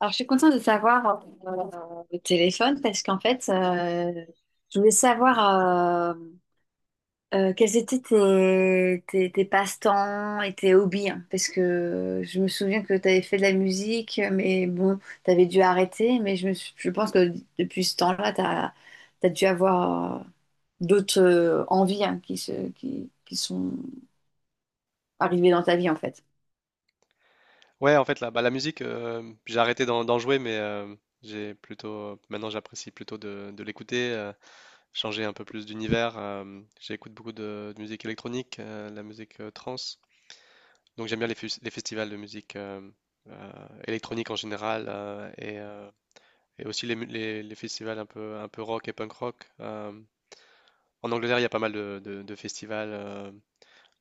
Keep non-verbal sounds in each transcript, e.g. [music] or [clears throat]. Alors, je suis contente de savoir au téléphone parce qu'en fait, je voulais savoir quels étaient tes passe-temps et tes hobbies, hein, parce que je me souviens que tu avais fait de la musique, mais bon, tu avais dû arrêter. Je pense que depuis ce temps-là, tu as dû avoir d'autres envies, hein, qui sont arrivées dans ta vie en fait. Ouais, en fait, bah, la musique, j'ai arrêté d'en jouer, mais j'ai plutôt, maintenant, j'apprécie plutôt de l'écouter, changer un peu plus d'univers. J'écoute beaucoup de musique électronique, la musique trance. Donc, j'aime bien les festivals de musique euh, électronique en général et aussi les festivals un peu rock et punk rock. En Angleterre, il y a pas mal de festivals.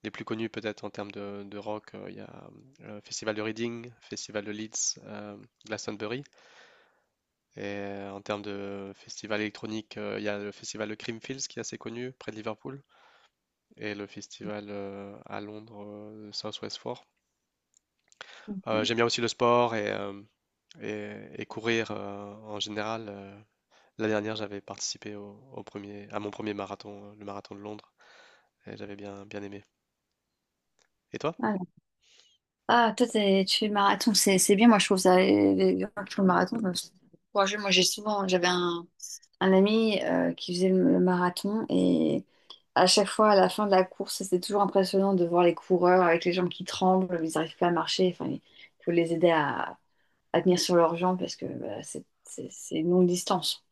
Les plus connus peut-être en termes de rock, il y a le Festival de Reading, Festival de Leeds, Glastonbury. En termes de festival électronique, il y a le Festival de Creamfields qui est assez connu près de Liverpool et le festival à Londres, South West 4. Ok. J'aime bien aussi le sport et courir en général. La dernière, j'avais participé à mon premier marathon, le marathon de Londres, et j'avais bien aimé. Et toi? Ah, toi, tu fais le marathon, c'est bien. Moi, je trouve ça. Les gens qui font le marathon, c'est courageux. Moi, j'ai souvent. J'avais un ami qui faisait le marathon et à chaque fois, à la fin de la course, c'était toujours impressionnant de voir les coureurs avec les jambes qui tremblent. Ils n'arrivent pas à marcher. Enfin, il faut les aider à tenir sur leurs jambes parce que bah, c'est une longue distance.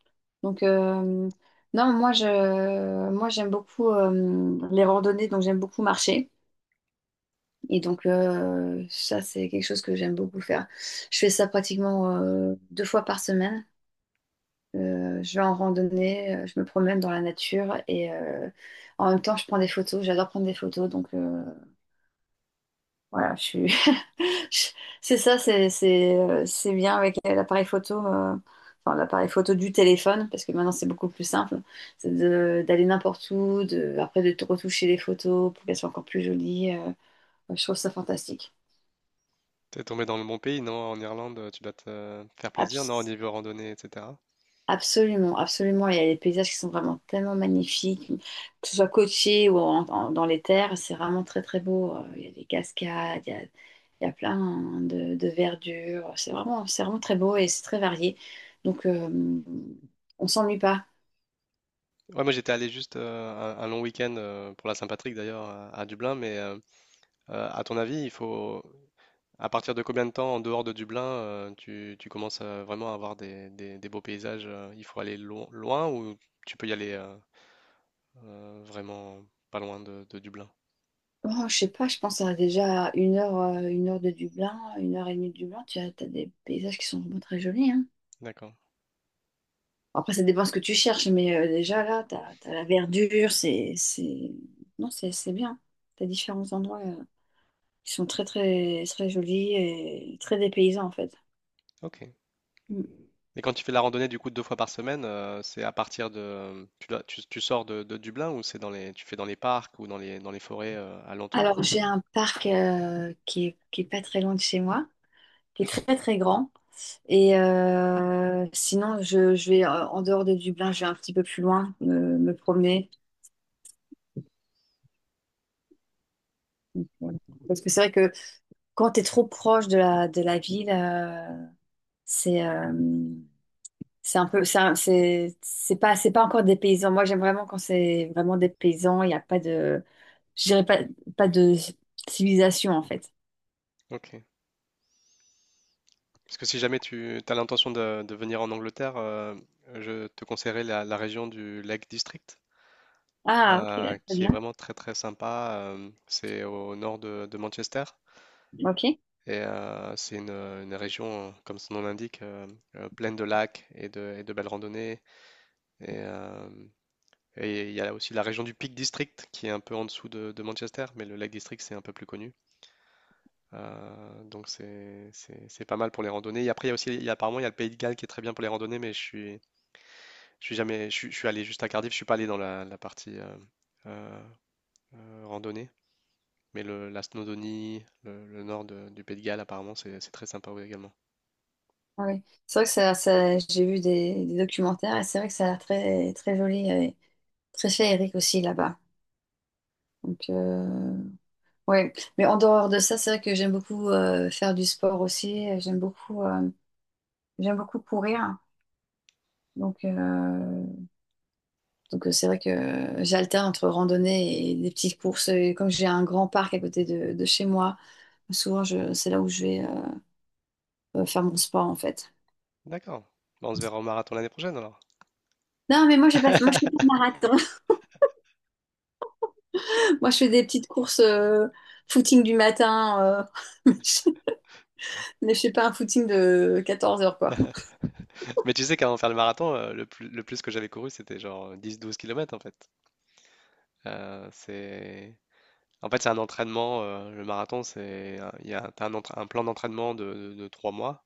Donc, non, moi, j'aime beaucoup les randonnées, donc j'aime beaucoup marcher. Et donc, ça, c'est quelque chose que j'aime beaucoup faire. Je fais ça pratiquement deux fois par semaine. Je vais en randonnée, je me promène dans la nature et en même temps, je prends des photos. J'adore prendre des photos. Donc, voilà, je suis [laughs] je- c'est ça, c'est bien avec l'appareil photo, enfin, l'appareil photo du téléphone, parce que maintenant, c'est beaucoup plus simple. D'aller n'importe où, de, après de retoucher les photos pour qu'elles soient encore plus jolies. Ouais, je trouve ça fantastique. T'es tombé dans le bon pays, non? En Irlande, tu dois te faire plaisir, non? Au niveau randonnée, etc. Absolument, absolument. Il y a des paysages qui sont vraiment tellement magnifiques, que ce soit côtier ou dans les terres, c'est vraiment très très beau. Il y a des cascades, il y a plein de verdure. C'est vraiment très beau et c'est très varié. Donc, on s'ennuie pas. Ouais, moi j'étais allé juste un long week-end pour la Saint-Patrick d'ailleurs à Dublin, mais à ton avis, il faut à partir de combien de temps en dehors de Dublin tu commences vraiment à avoir des beaux paysages? Il faut aller loin ou tu peux y aller vraiment pas loin de Dublin? Oh, je sais pas, je pense à déjà une heure de Dublin, une heure et demie de Dublin. T'as des paysages qui sont vraiment très jolis, hein. D'accord. Après, ça dépend ce que tu cherches, mais déjà là, t'as la verdure, c'est... Non, c'est bien. T'as différents endroits qui sont très jolis et très dépaysants, en fait. Ok. Mm. Mais quand tu fais la randonnée du coup 2 fois par semaine, c'est à partir de tu sors de Dublin ou c'est dans les tu fais dans les parcs ou dans les forêts alentours? Alors, j'ai un parc qui est pas très loin de chez moi, qui est très, très grand. Et sinon, je vais, en dehors de Dublin, je vais un petit peu plus loin, me promener. Parce que c'est vrai que quand tu es trop proche de de la ville, c'est... C'est un peu, c'est un- c'est pas encore des paysans. Moi, j'aime vraiment quand c'est vraiment des paysans. Il n'y a pas de, je dirais pas, pas de civilisation en fait. Ok. Parce que si jamais tu as l'intention de venir en Angleterre, je te conseillerais la région du Lake District, Ah, ok, là, très qui est bien. vraiment très très sympa. C'est au nord de Manchester Ok. et c'est une région, comme son nom l'indique, pleine de lacs et de belles randonnées. Et, euh, Et il y a aussi la région du Peak District qui est un peu en dessous de Manchester, mais le Lake District c'est un peu plus connu. Donc c'est pas mal pour les randonnées. Et après il y a aussi apparemment il y a le Pays de Galles qui est très bien pour les randonnées, mais je suis jamais je, suis je suis allé juste à Cardiff, je suis pas allé dans la partie euh, randonnée. Mais la Snowdonie, le nord du Pays de Galles apparemment c'est très sympa ouais, également. Ah oui. C'est vrai que j'ai vu des documentaires et c'est vrai que ça a l'air très, très joli et très féerique aussi là-bas. Donc, ouais. Mais en dehors de ça, c'est vrai que j'aime beaucoup faire du sport aussi. J'aime beaucoup courir. Donc, donc c'est vrai que j'alterne entre randonnée et des petites courses. Et comme j'ai un grand parc à côté de chez moi, souvent c'est là où je vais faire mon sport en fait. D'accord. Bah, on se verra au marathon l'année prochaine alors. Non, mais moi je fais pas de marathon. [laughs] Moi je fais des petites courses footing du matin, euh, [laughs] mais je fais pas un footing de quatorze heures quoi. [laughs] Mais tu sais qu'avant de faire le marathon, le plus que j'avais couru, c'était genre 10-12 km en fait. C'est En fait, c'est un entraînement. Le marathon, c'est un- il y a t'as un plan d'entraînement de 3 mois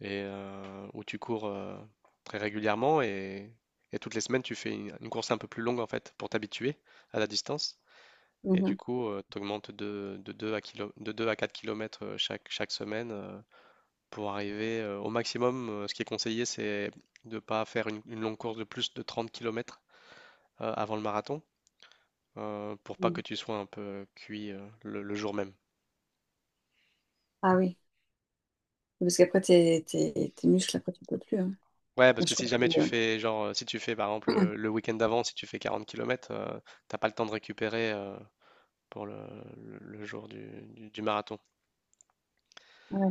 et où tu cours très régulièrement et toutes les semaines, tu fais une course un peu plus longue en fait pour t'habituer à la distance. Et du coup, tu augmentes de 2 à de 2 à 4 km chaque semaine pour arriver au maximum. Ce qui est conseillé, c'est de ne pas faire une longue course de plus de 30 kilomètres avant le marathon pour pas que Mhm. tu sois un peu cuit le jour même. Ah oui, parce qu'après tes muscles, après tu peux plus, hein. Ouais, Moi, parce que je si jamais tu comprends. fais, genre, si tu fais par exemple Euh, le week-end d'avant, si tu fais 40 km, t'as pas le temps de récupérer pour le jour du marathon. ouais.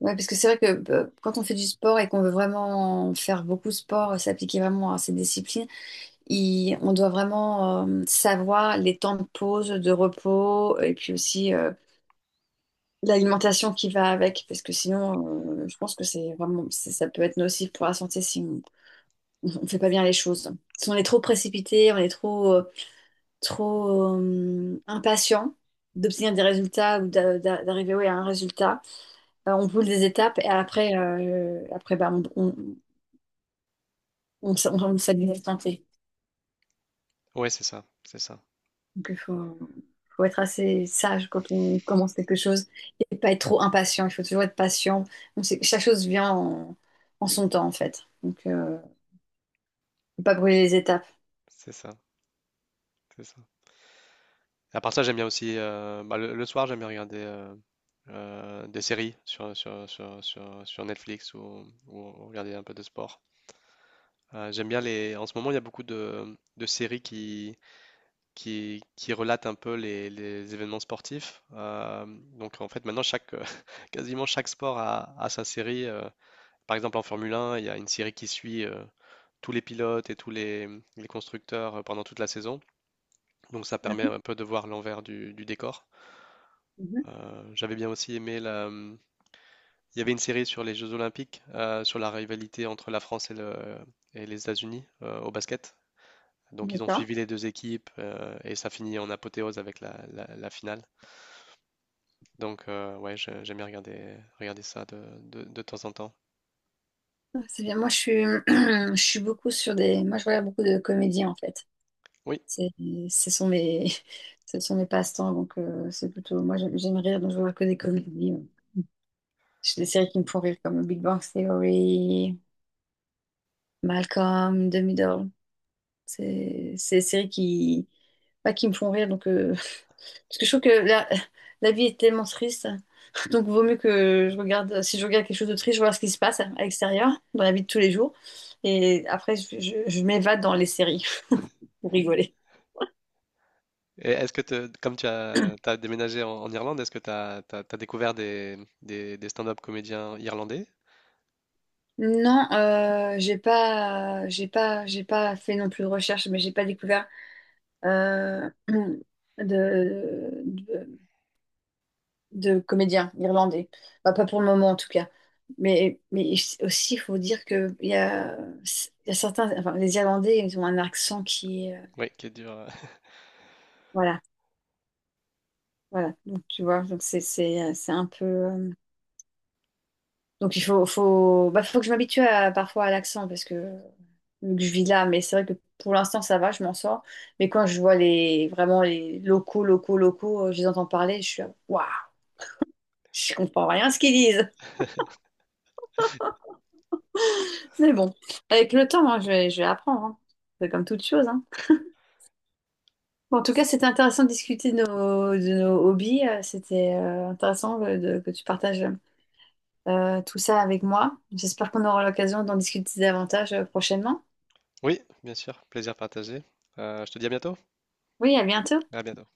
Ouais, parce que c'est vrai que quand on fait du sport et qu'on veut vraiment faire beaucoup de sport, s'appliquer vraiment à ces disciplines, on doit vraiment savoir les temps de pause, de repos, et puis aussi l'alimentation qui va avec, parce que sinon, je pense que ça peut être nocif pour la santé si on ne fait pas bien les choses. Si on est trop précipité, on est trop... impatient d'obtenir des résultats ou d'arriver, ouais, à un résultat. On brûle des étapes et après, après bah, on s'habille à tenter. Ouais, c'est ça, c'est ça, Donc faut être assez sage quand on commence quelque chose et pas être trop impatient. Il faut toujours être patient. Donc, c'est- chaque chose vient en, en son temps en fait. Donc faut pas brûler les étapes. c'est ça, c'est ça. À part ça, j'aime bien aussi, bah, le soir, j'aime bien regarder des séries sur Netflix ou regarder un peu de sport. J'aime bien les. En ce moment, il y a beaucoup de séries qui relate un peu les événements sportifs. Donc en fait, maintenant, [laughs] quasiment chaque sport a sa série. Par exemple, en Formule 1, il y a une série qui suit tous les pilotes et tous les constructeurs pendant toute la saison. Donc ça permet un peu de voir l'envers du décor. Mhm. J'avais bien aussi aimé il y avait une série sur les Jeux Olympiques, sur la rivalité entre la France et les États-Unis au basket. Donc ils ont D'accord. suivi les deux équipes et ça finit en apothéose avec la finale. Donc, ouais, j'aime bien regarder ça de temps en temps. C'est bien. [clears throat] Je suis beaucoup sur des... Moi je regarde beaucoup de comédies en fait. Oui. C'est, ce sont mes, [laughs] ce sont mes passe-temps, donc c'est plutôt. Moi, j'aime rire, donc je vois que des comédies. Euh, j'ai des séries qui me font rire, comme Big Bang Theory, Malcolm, The Middle. C'est des séries qui, pas qui me font rire, donc [laughs] parce que je trouve que la, [laughs] la vie est tellement triste, [laughs] donc vaut mieux que je regarde. Si je regarde quelque chose de triste, je vois ce qui se passe à l'extérieur, dans la vie de tous les jours, et après, je m'évade dans les séries [laughs] pour rigoler. Et comme [clears throat] t'as déménagé en Irlande, est-ce que découvert des stand-up comédiens irlandais? Non, j'ai pas fait non plus de recherche, mais j'ai pas découvert euh, de, de, de comédiens irlandais. Bah, pas pour le moment en tout cas. Mais aussi, il faut dire que il y a certains, enfin, les Irlandais, ils ont un accent qui est, Oui, qui est dur. voilà, voilà. Donc tu vois, donc c'est un peu. Euh, donc bah, faut que je m'habitue à- parfois à l'accent parce que, vu que je vis là, mais c'est vrai que pour l'instant ça va, je m'en sors. Mais quand je vois les vraiment les locaux, locaux, locaux, je les entends parler, je suis là, waouh, je comprends rien à ce qu'ils disent. [laughs] [laughs] Mais bon, avec le temps, hein, je vais apprendre, hein. C'est comme toute chose, hein. Bon, en tout cas, c'était intéressant de discuter de nos hobbies. Euh, c'était intéressant que, que tu partages tout ça avec moi. J'espère qu'on aura l'occasion d'en discuter davantage prochainement. Oui, bien sûr. Plaisir partagé. Je te dis à bientôt. Oui, à bientôt. À bientôt.